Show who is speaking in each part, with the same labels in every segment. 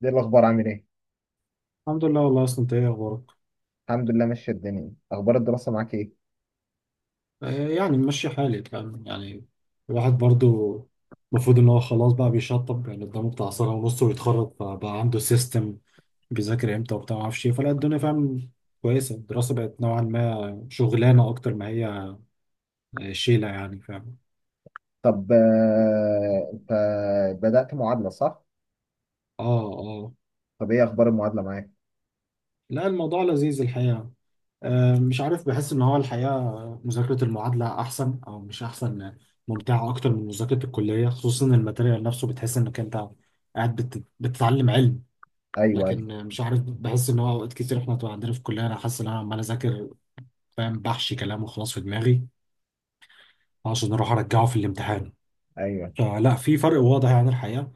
Speaker 1: دي الاخبار عامل ايه؟
Speaker 2: الحمد لله. والله اصلا انت ايه اخبارك؟
Speaker 1: الحمد لله، ماشيه الدنيا. اخبار الدراسه معاك ايه؟
Speaker 2: يعني ماشي حالي، فاهم يعني. الواحد برضو المفروض ان هو خلاص بقى بيشطب، يعني قدامه بتاع سنة ونص ويتخرج، فبقى عنده سيستم بيذاكر امتى وبتاع، ما اعرفش ايه. فلا، الدنيا فاهم، كويسه. الدراسه بقت نوعا ما شغلانه اكتر ما هي. شيله يعني، فاهم.
Speaker 1: طب، انت بدات معادله صح؟
Speaker 2: اه.
Speaker 1: طب ايه اخبار المعادله معاك؟
Speaker 2: لا، الموضوع لذيذ الحقيقه. مش عارف، بحس ان هو الحقيقه مذاكره المعادله احسن او مش احسن ممتعه اكتر من مذاكره الكليه، خصوصا إن الماتيريال نفسه بتحس انك انت قاعد بتتعلم علم.
Speaker 1: ايوه ايوه
Speaker 2: لكن مش عارف، بحس ان هو اوقات كتير احنا بتبقى عندنا في الكليه، انا حاسس ان انا عمال اذاكر، فاهم، بحشي كلام وخلاص في دماغي عشان اروح ارجعه في الامتحان.
Speaker 1: ايوه.
Speaker 2: فلا في فرق واضح يعني الحقيقه.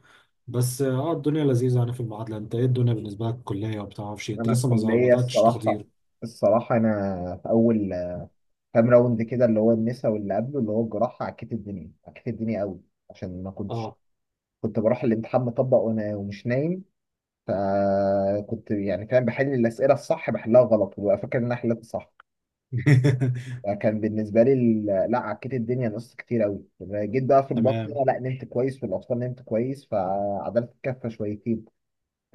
Speaker 2: بس اه الدنيا لذيذه يعني في المعادله. انت ايه الدنيا بالنسبه لك الكليه؟ وبتعرفش انت
Speaker 1: انا
Speaker 2: لسه ما
Speaker 1: الكليه
Speaker 2: بداتش
Speaker 1: الصراحه،
Speaker 2: تحضير؟
Speaker 1: الصراحه انا في اول كام راوند كده، اللي هو النسا واللي قبله اللي هو الجراحه، عكيت الدنيا عكيت الدنيا قوي. عشان ما كنتش،
Speaker 2: اه.
Speaker 1: كنت بروح الامتحان مطبق وانا ومش نايم. فكنت يعني فاهم بحل الاسئله الصح بحلها غلط وببقى فاكر ان انا حليت صح. فكان بالنسبه لي لا، عكيت الدنيا نقصت كتير قوي. جيت بقى في البطنه،
Speaker 2: تمام.
Speaker 1: لا، نمت كويس. في الاطفال نمت كويس فعدلت الكفه شويتين.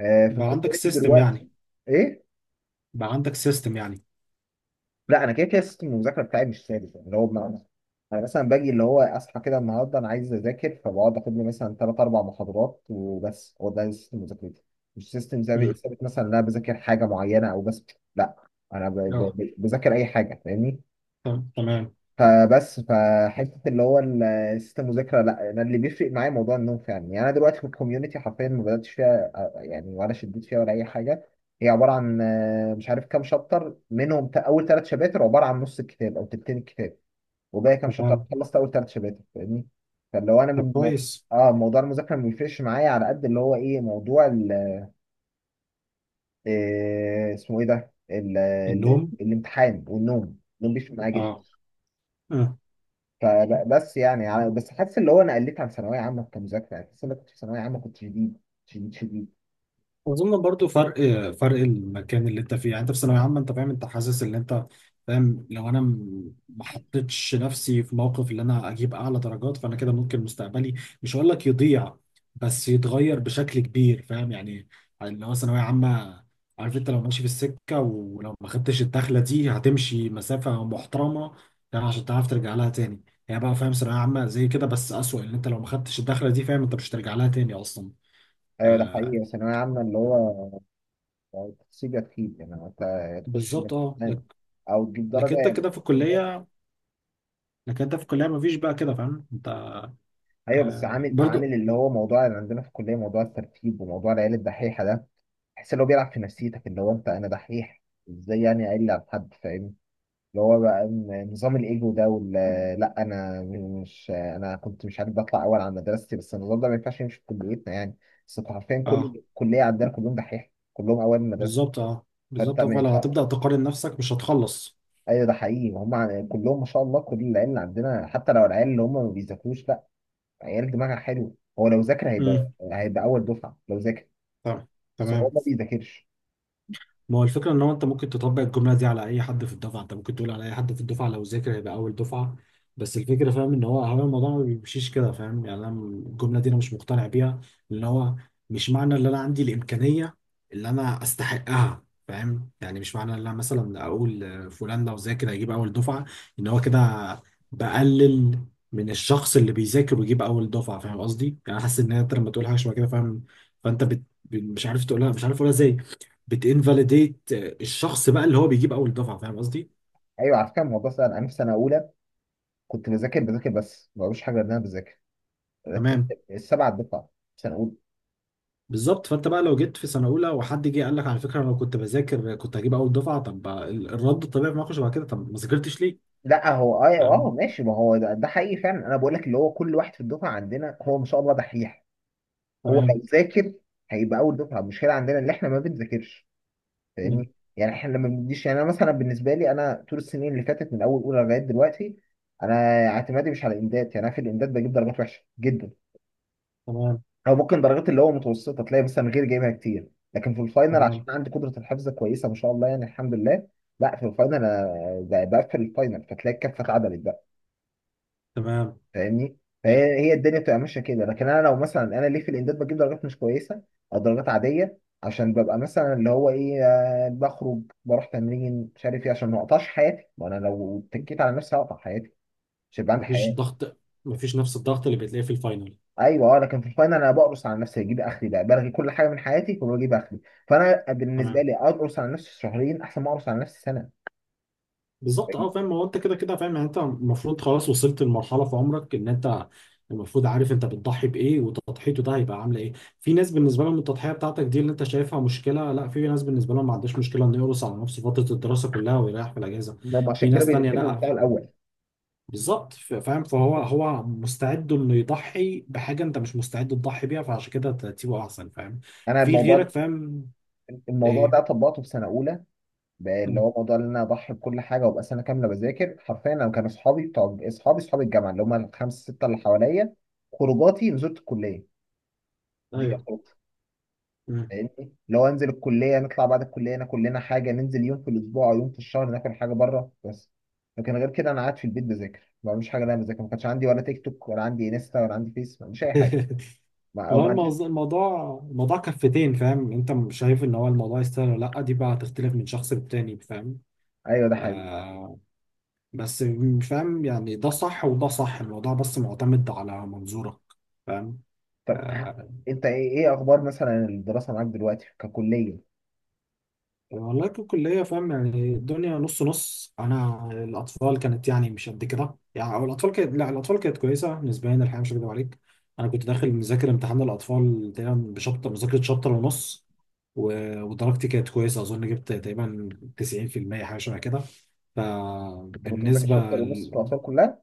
Speaker 1: في
Speaker 2: بقى عندك
Speaker 1: الكوميونتي
Speaker 2: سيستم
Speaker 1: دلوقتي.
Speaker 2: يعني؟
Speaker 1: ايه؟
Speaker 2: بقى عندك سيستم يعني؟
Speaker 1: لا، انا كده كده سيستم المذاكره بتاعي مش ثابت، يعني اللي هو بمعنى، انا مثلا باجي اللي هو اصحى كده النهارده انا عايز اذاكر فبقعد اخد لي مثلا 3 4 محاضرات وبس. هو ده سيستم مذاكرتي، مش سيستم ثابت
Speaker 2: امم
Speaker 1: ثابت مثلا ان انا بذاكر حاجه معينه او بس. لا، انا
Speaker 2: اه.
Speaker 1: بذاكر اي حاجه فاهمني.
Speaker 2: تمام.
Speaker 1: فبس فحته اللي هو السيستم مذاكره، لا، انا اللي بيفرق معايا موضوع النوم فعلا. يعني انا دلوقتي في الكوميونتي حرفيا ما بداتش فيها، يعني، ولا شديت فيها ولا اي حاجه. هي عباره عن مش عارف كام شابتر منهم. اول 3 شباتر عباره عن نص الكتاب او تلتين الكتاب، وباقي كام شابتر.
Speaker 2: تمام.
Speaker 1: خلصت اول 3 شباتر فاهمني. فلو انا
Speaker 2: طب
Speaker 1: من مو...
Speaker 2: كويس.
Speaker 1: اه، موضوع المذاكره ما بيفرقش معايا على قد اللي هو ايه موضوع ال، اسمه ايه ده، ال، ال،
Speaker 2: النوم.
Speaker 1: الامتحان والنوم. النوم بيفرق معايا جدا.
Speaker 2: اه. آه.
Speaker 1: فبس يعني, بس حاسس اللي هو انا قلت عن ثانويه عامه كمذاكره. يعني حاسس ان أنا كنت في ثانويه عامه كنت شديد شديد شديد.
Speaker 2: اظن برضو فرق. فرق المكان اللي انت فيه، يعني انت في ثانويه عامه، انت فاهم، انت حاسس ان انت فاهم، لو انا ما حطيتش نفسي في موقف ان انا اجيب اعلى درجات، فانا كده ممكن مستقبلي، مش هقول لك يضيع، بس يتغير بشكل كبير، فاهم يعني. اللي هو ثانويه عامه، عارف، انت لو ماشي في السكه، ولو ما خدتش الدخله دي، هتمشي مسافه محترمه يعني عشان تعرف ترجع لها تاني. يعني بقى فاهم، ثانويه عامه زي كده بس اسوأ، ان انت لو ما خدتش الدخله دي فاهم انت مش هترجع لها تاني اصلا.
Speaker 1: ايوه، ده
Speaker 2: آه.
Speaker 1: حقيقي. ثانويه عامه اللي هو تسيب يا تخيب. يعني انت يا تخش من
Speaker 2: بالظبط اه.
Speaker 1: الامتحان او تجيب
Speaker 2: لكن
Speaker 1: درجه
Speaker 2: انت
Speaker 1: يعني.
Speaker 2: كده في الكلية، لكن انت في الكلية مفيش بقى كده، فاهم انت.
Speaker 1: ايوه، بس
Speaker 2: آه
Speaker 1: عامل
Speaker 2: برضو.
Speaker 1: اللي هو موضوع اللي عندنا في الكليه، موضوع الترتيب وموضوع العيال الدحيحه ده. تحس ان هو بيلعب في نفسيتك اللي هو انت، انا دحيح ازاي يعني اقل على حد، فاهمني؟ اللي هو بقى نظام الايجو ده وال، لا. انا مش، انا كنت مش عارف بطلع اول على مدرستي، بس النظام ده ما ينفعش يمشي في كليتنا يعني. بس انتوا حرفيا
Speaker 2: اه،
Speaker 1: كل كليه عندنا كلهم دحيح، كلهم اوائل المدرسه،
Speaker 2: بالظبط اه،
Speaker 1: فانت
Speaker 2: بالظبط اه.
Speaker 1: ما
Speaker 2: فلو
Speaker 1: ينفعش.
Speaker 2: هتبدأ تقارن نفسك مش هتخلص.
Speaker 1: ايوه، ده حقيقي، هم كلهم ما شاء الله. كل العيال اللي عندنا حتى لو العيال اللي هم ما بيذاكروش، لا، عيال دماغها حلو. هو لو ذاكر
Speaker 2: امم
Speaker 1: هيبقى اول دفعه لو ذاكر،
Speaker 2: تمام
Speaker 1: بس هو
Speaker 2: تمام
Speaker 1: ما بيذاكرش.
Speaker 2: ما هو الفكرة ان هو انت ممكن تطبق الجملة دي على اي حد في الدفعة، انت ممكن تقول على اي حد في الدفعة لو ذاكر هيبقى اول دفعة. بس الفكرة فاهم، ان هو هو الموضوع ما بيمشيش كده، فاهم يعني. انا الجملة دي انا مش مقتنع بيها، ان هو مش معنى ان انا عندي الامكانية اللي انا استحقها، فاهم يعني. مش معنى ان انا مثلا اقول فلان لو ذاكر هيجيب اول دفعة، ان هو كده بقلل من الشخص اللي بيذاكر ويجيب اول دفعة، فاهم قصدي؟ يعني أنا حاسس ان انت لما تقول حاجة شبه كده، فاهم، فانت بت... مش عارف تقولها، مش عارف اقولها ازاي. بتinvalidate الشخص بقى اللي هو بيجيب اول دفعه، فاهم قصدي؟
Speaker 1: ايوه، على فكره الموضوع سهل. انا في سنه اولى كنت بذاكر بذاكر بس ما بعملش حاجه غير ان انا بذاكر،
Speaker 2: تمام.
Speaker 1: رتبت السبع دفعه سنه اولى.
Speaker 2: بالظبط. فانت بقى لو جيت في سنه اولى وحد جه قال لك على فكره انا لو كنت بذاكر كنت هجيب اول دفعه، طب الرد الطبيعي في موقف شبه كده، طب ما ذاكرتش ليه؟
Speaker 1: لا، هو اه
Speaker 2: فاهم؟
Speaker 1: اه ماشي، ما هو ده حقيقي فعلا. انا بقول لك اللي هو كل واحد في الدفعه عندنا هو ما شاء الله دحيح. هو لو
Speaker 2: تمام.
Speaker 1: ذاكر هيبقى اول دفعه. المشكله عندنا اللي احنا ما بنذاكرش،
Speaker 2: مم.
Speaker 1: فاهمني؟ يعني احنا لما بنديش يعني، انا مثلا بالنسبه لي انا طول السنين اللي فاتت من اول اولى لغايه دلوقتي، انا اعتمادي مش على الامداد. يعني انا في الامداد بجيب درجات وحشه جدا،
Speaker 2: تمام.
Speaker 1: او ممكن درجات اللي هو متوسطه، تلاقي مثلا غير جايبها كتير. لكن في الفاينل، عشان
Speaker 2: تمام.
Speaker 1: عندي قدره الحفظ كويسه ما شاء الله يعني الحمد لله، لا، في الفاينل انا بقفل الفاينل فتلاقي الكفه اتعدلت،
Speaker 2: تمام
Speaker 1: فاهمني؟
Speaker 2: يعني.
Speaker 1: فهي، هي الدنيا بتبقى ماشيه كده. لكن انا لو مثلا، انا ليه في الامداد بجيب درجات مش كويسه او درجات عاديه؟ عشان ببقى مثلا اللي هو ايه، بخرج، بروح تمرين، مش عارف ايه، عشان ما اقطعش حياتي. وانا لو اتكيت على نفسي هقطع حياتي، مش هيبقى عندي
Speaker 2: مفيش
Speaker 1: حياه.
Speaker 2: ضغط، مفيش نفس الضغط اللي بتلاقيه في الفاينل.
Speaker 1: ايوه، اه. لكن في الفاينل انا بقرص على نفسي، اجيب اخري بقى، بلغي كل حاجه من حياتي وبجيب اخري. فانا بالنسبه
Speaker 2: تمام.
Speaker 1: لي، اقرص على نفسي شهرين احسن ما اقرص على نفسي سنه،
Speaker 2: بالظبط اه،
Speaker 1: فاهمني؟
Speaker 2: فاهم. هو انت كده كده فاهم يعني، انت المفروض خلاص وصلت لمرحله في عمرك ان انت المفروض عارف انت بتضحي بايه، وتضحيته ده هيبقى عامله ايه. في ناس بالنسبه لهم التضحيه بتاعتك دي اللي انت شايفها مشكله، لا. في ناس بالنسبه لهم ما عندهاش مشكله انه يقرص على نفسه فتره الدراسه كلها ويريح في الاجازه.
Speaker 1: هم
Speaker 2: في
Speaker 1: عشان كده
Speaker 2: ناس تانية
Speaker 1: بيرتبوا بتاع
Speaker 2: لا.
Speaker 1: الاول.
Speaker 2: بالظبط، فاهم. فهو هو مستعد انه يضحي بحاجه انت مش مستعد تضحي بيها، فعشان كده ترتيبه احسن، فاهم،
Speaker 1: انا
Speaker 2: في غيرك
Speaker 1: الموضوع،
Speaker 2: فاهم. ايه.
Speaker 1: ده طبقته في سنه اولى، بقى اللي
Speaker 2: مم.
Speaker 1: هو موضوع ان انا اضحي بكل حاجه وابقى سنه كامله بذاكر حرفيا. انا كانوا اصحابي، بتوع اصحابي اصحاب الجامعه، اللي هم الخمسه سته اللي حواليا، خروجاتي نزلت الكليه، دي كانت
Speaker 2: ايوه.
Speaker 1: خروجتي،
Speaker 2: مم.
Speaker 1: فاهمني؟ اللي هو انزل الكليه، نطلع بعد الكليه ناكل لنا حاجه، ننزل يوم في الاسبوع او يوم في الشهر ناكل حاجه بره بس. لكن غير كده انا قاعد في البيت بذاكر، ما بعملش حاجه إن انا بذاكر. ما كانش عندي ولا تيك توك، ولا عندي انستا، ولا عندي فيس، ما عنديش اي حاجه.
Speaker 2: هو
Speaker 1: ما عنديش.
Speaker 2: الموضوع، الموضوع كفتين، فاهم. انت مش شايف ان هو الموضوع يستاهل ولا لا، دي بقى هتختلف من شخص للتاني، فاهم.
Speaker 1: ايوه، ده حقيقي.
Speaker 2: آه. بس مش فاهم يعني، ده صح وده صح، الموضوع بس معتمد على منظورك، فاهم.
Speaker 1: طب
Speaker 2: آه،
Speaker 1: انت ايه، اخبار مثلا الدراسه معاك دلوقتي ككليه؟
Speaker 2: والله ككلية فاهم يعني الدنيا نص نص. أنا الأطفال كانت يعني مش قد كده يعني، أو الأطفال كانت، لا، الأطفال كانت كويسة نسبيا الحقيقة، مش هكدب عليك. أنا كنت داخل مذاكر امتحان الأطفال تقريبا بشابتر، مذاكرة شابتر ونص. ودرجتي كانت كويسة، أظن جبت تقريبا 90% حاجة شبه كده.
Speaker 1: انت كنت مذاكر
Speaker 2: فبالنسبة
Speaker 1: شابتر ونص
Speaker 2: ل...
Speaker 1: في الاطفال كلها،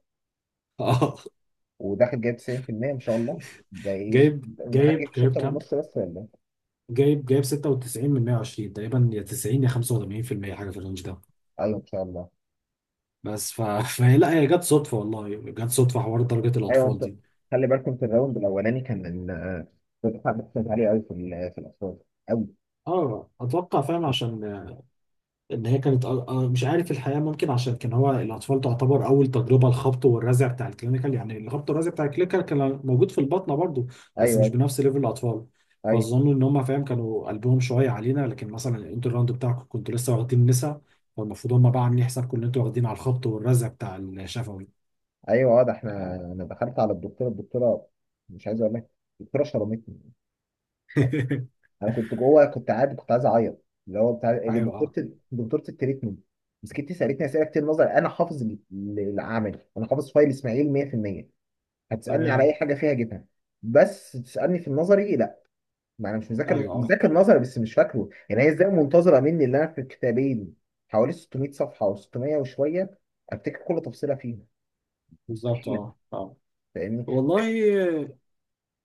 Speaker 2: آه.
Speaker 1: وداخل جايب 90%؟ ان شاء الله. ده ايه
Speaker 2: جايب
Speaker 1: الامتحان
Speaker 2: جايب
Speaker 1: جايب
Speaker 2: جايب
Speaker 1: شابتر
Speaker 2: كام؟
Speaker 1: ونص بس، ولا إيه؟
Speaker 2: جايب 96 من 120 تقريبا، يا 90 يا 85% حاجة في الرينج ده.
Speaker 1: ايوه، ان شاء الله.
Speaker 2: بس ف... فهي، لا هي جت صدفه والله، جت صدفه حوار درجه
Speaker 1: ايوه،
Speaker 2: الاطفال
Speaker 1: انت
Speaker 2: دي.
Speaker 1: خلي بالكم في الراوند الاولاني كان الدفعه بتاعت عاليه قوي في في الاقسام قوي.
Speaker 2: اه، اتوقع فاهم، عشان ان هي كانت مش عارف الحقيقه، ممكن عشان كان هو الاطفال تعتبر اول تجربه الخبط والرزع بتاع الكلينيكال، يعني الخبط والرزع بتاع الكلينيكال كان موجود في البطنه برضو بس مش
Speaker 1: ايوه
Speaker 2: بنفس ليفل الاطفال.
Speaker 1: ايوه
Speaker 2: فظنوا ان هم فاهم، كانوا قلبهم شويه علينا. لكن مثلا الانتر راوند بتاعكم كنتوا لسه واخدين نسا، فالمفروض هم بقى عاملين حسابكم ان انتوا واخدين على الخبط والرزع بتاع الشفوي.
Speaker 1: ايوه، اه، ده احنا
Speaker 2: آه.
Speaker 1: انا دخلت على الدكتوره، مش عايز اقول لك، الدكتوره شرمتني. انا كنت جوه، كنت قاعد، كنت عايز اعيط، اللي هو بتاع
Speaker 2: ايوه اه.
Speaker 1: دكتوره التريتمنت، مسكتني سالتني اسئله كتير نظري. انا حافظ العملي، انا حافظ فايل اسماعيل 100%، هتسألني على أي
Speaker 2: تمام.
Speaker 1: حاجة فيها أجيبها. بس تسألني في النظري لا، ما أنا مش مذاكر
Speaker 2: ايوه. آه.
Speaker 1: مذاكر نظري بس، مش فاكره. يعني هي إزاي منتظرة مني اللي أنا في كتابين حوالي 600 صفحة أو 600 وشوية أفتكر كل تفصيلة فيها؟
Speaker 2: بالظبط
Speaker 1: مستحيلة،
Speaker 2: اه اه.
Speaker 1: فاهمني؟
Speaker 2: والله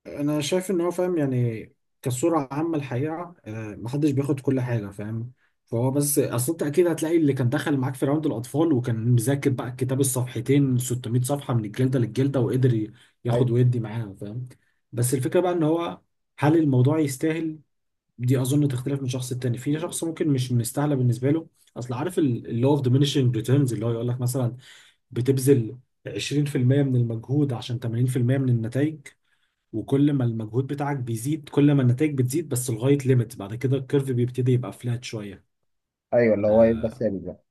Speaker 2: انا شايف ان هو فاهم يعني، كصورة عامة الحقيقة محدش بياخد كل حاجة، فاهم. فهو بس اصل انت اكيد هتلاقي اللي كان دخل معاك في راوند الاطفال وكان مذاكر بقى الكتاب الصفحتين 600 صفحة من الجلدة للجلدة، وقدر ياخد
Speaker 1: أي-
Speaker 2: ويدي معاها، فاهم. بس الفكرة بقى ان هو، هل الموضوع يستاهل؟ دي اظن تختلف من شخص التاني. في شخص ممكن مش مستاهله بالنسبه له. اصل عارف اللي هو اوف diminishing ريتيرنز، اللي هو يقول لك مثلا بتبذل 20% من المجهود عشان 80% من النتائج، وكل ما المجهود بتاعك بيزيد كل ما النتائج بتزيد، بس لغايه ليميت بعد كده الكيرف بيبتدي يبقى فلات شويه.
Speaker 1: أيوه، اللي هو يفضل
Speaker 2: آه،
Speaker 1: ثابت بقى.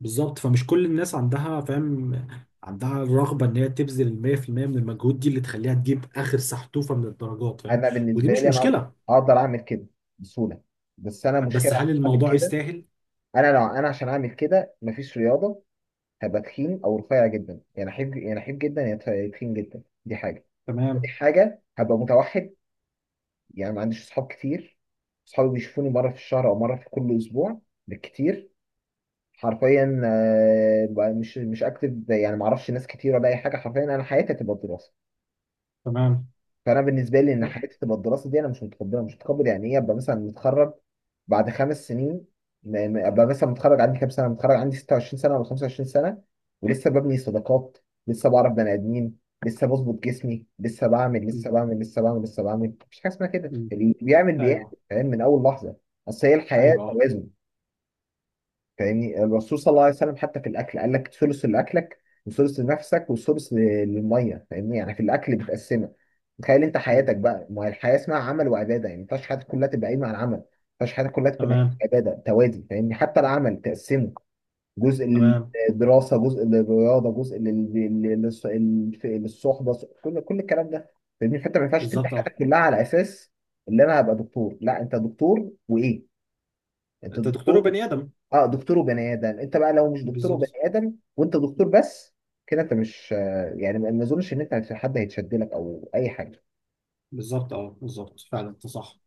Speaker 2: بالظبط. فمش كل الناس عندها فاهم، عندها الرغبه ان هي تبذل ال 100% من المجهود دي اللي تخليها تجيب اخر سحتوفه من الدرجات، فاهم.
Speaker 1: أنا
Speaker 2: ودي
Speaker 1: بالنسبة
Speaker 2: مش
Speaker 1: لي أنا
Speaker 2: مشكله،
Speaker 1: أقدر أعمل كده بسهولة. بس أنا المشكلة
Speaker 2: بس هل
Speaker 1: عشان أعمل
Speaker 2: الموضوع
Speaker 1: كده،
Speaker 2: يستاهل؟
Speaker 1: أنا لو أنا عشان أعمل كده مفيش رياضة، هبقى تخين أو رفيع جدا. يعني أحب، يعني أحب جدا يا تخين جدا، دي حاجة. دي
Speaker 2: تمام.
Speaker 1: حاجة هبقى متوحد، يعني ما عنديش اصحاب كتير. اصحابي بيشوفوني مره في الشهر او مره في كل اسبوع بالكتير. حرفيا، بقى مش اكتب يعني، ما اعرفش ناس كتير ولا اي حاجه. حرفيا انا حياتي هتبقى الدراسه،
Speaker 2: تمام.
Speaker 1: فانا بالنسبه لي ان حياتي تبقى الدراسه دي انا مش متقبلها. مش متقبل يعني ايه ابقى مثلا متخرج بعد 5 سنين، ابقى مثلا متخرج عندي كام سنه، متخرج عندي 26 سنه ولا 25 سنه، ولسه ببني صداقات، لسه بعرف بني ادمين، لسه بظبط جسمي، لسه بعمل
Speaker 2: مم.
Speaker 1: لسه بعمل لسه بعمل لسه بعمل. مفيش حاجه اسمها كده.
Speaker 2: مم.
Speaker 1: اللي بيعمل بيعمل،
Speaker 2: ايوه.
Speaker 1: فاهم، من اول لحظه. اصل هي الحياه
Speaker 2: ايوه اه.
Speaker 1: توازن، فاهمني؟ الرسول صلى الله عليه وسلم حتى في الاكل قال لك ثلث لاكلك وثلث لنفسك وثلث للميه، فاهمني؟ يعني في الاكل بتقسمها. تخيل انت
Speaker 2: مم.
Speaker 1: حياتك بقى، ما هي الحياه اسمها عمل وعباده. يعني ما ينفعش حياتك كلها تبقى قايمه على العمل، ما ينفعش حياتك كلها تكون قايمه
Speaker 2: تمام
Speaker 1: على العباده، توازي فاهمني. حتى العمل تقسمه جزء
Speaker 2: تمام
Speaker 1: للدراسه، جزء للرياضه، جزء للصحبه، كل الكلام ده، فاهمني؟ فانت ما ينفعش تبني
Speaker 2: بالظبط اه.
Speaker 1: حياتك كلها على اساس اللي انا هبقى دكتور. لا، انت دكتور وايه، انت
Speaker 2: انت دكتور
Speaker 1: دكتور.
Speaker 2: وبني ادم.
Speaker 1: اه، دكتور وبني ادم. انت بقى لو مش دكتور وبني
Speaker 2: بالظبط.
Speaker 1: ادم وانت دكتور بس، كده انت مش يعني، ما اظنش ان انت حد هيتشد لك او اي حاجه.
Speaker 2: بالظبط اه، بالظبط فعلا انت صح.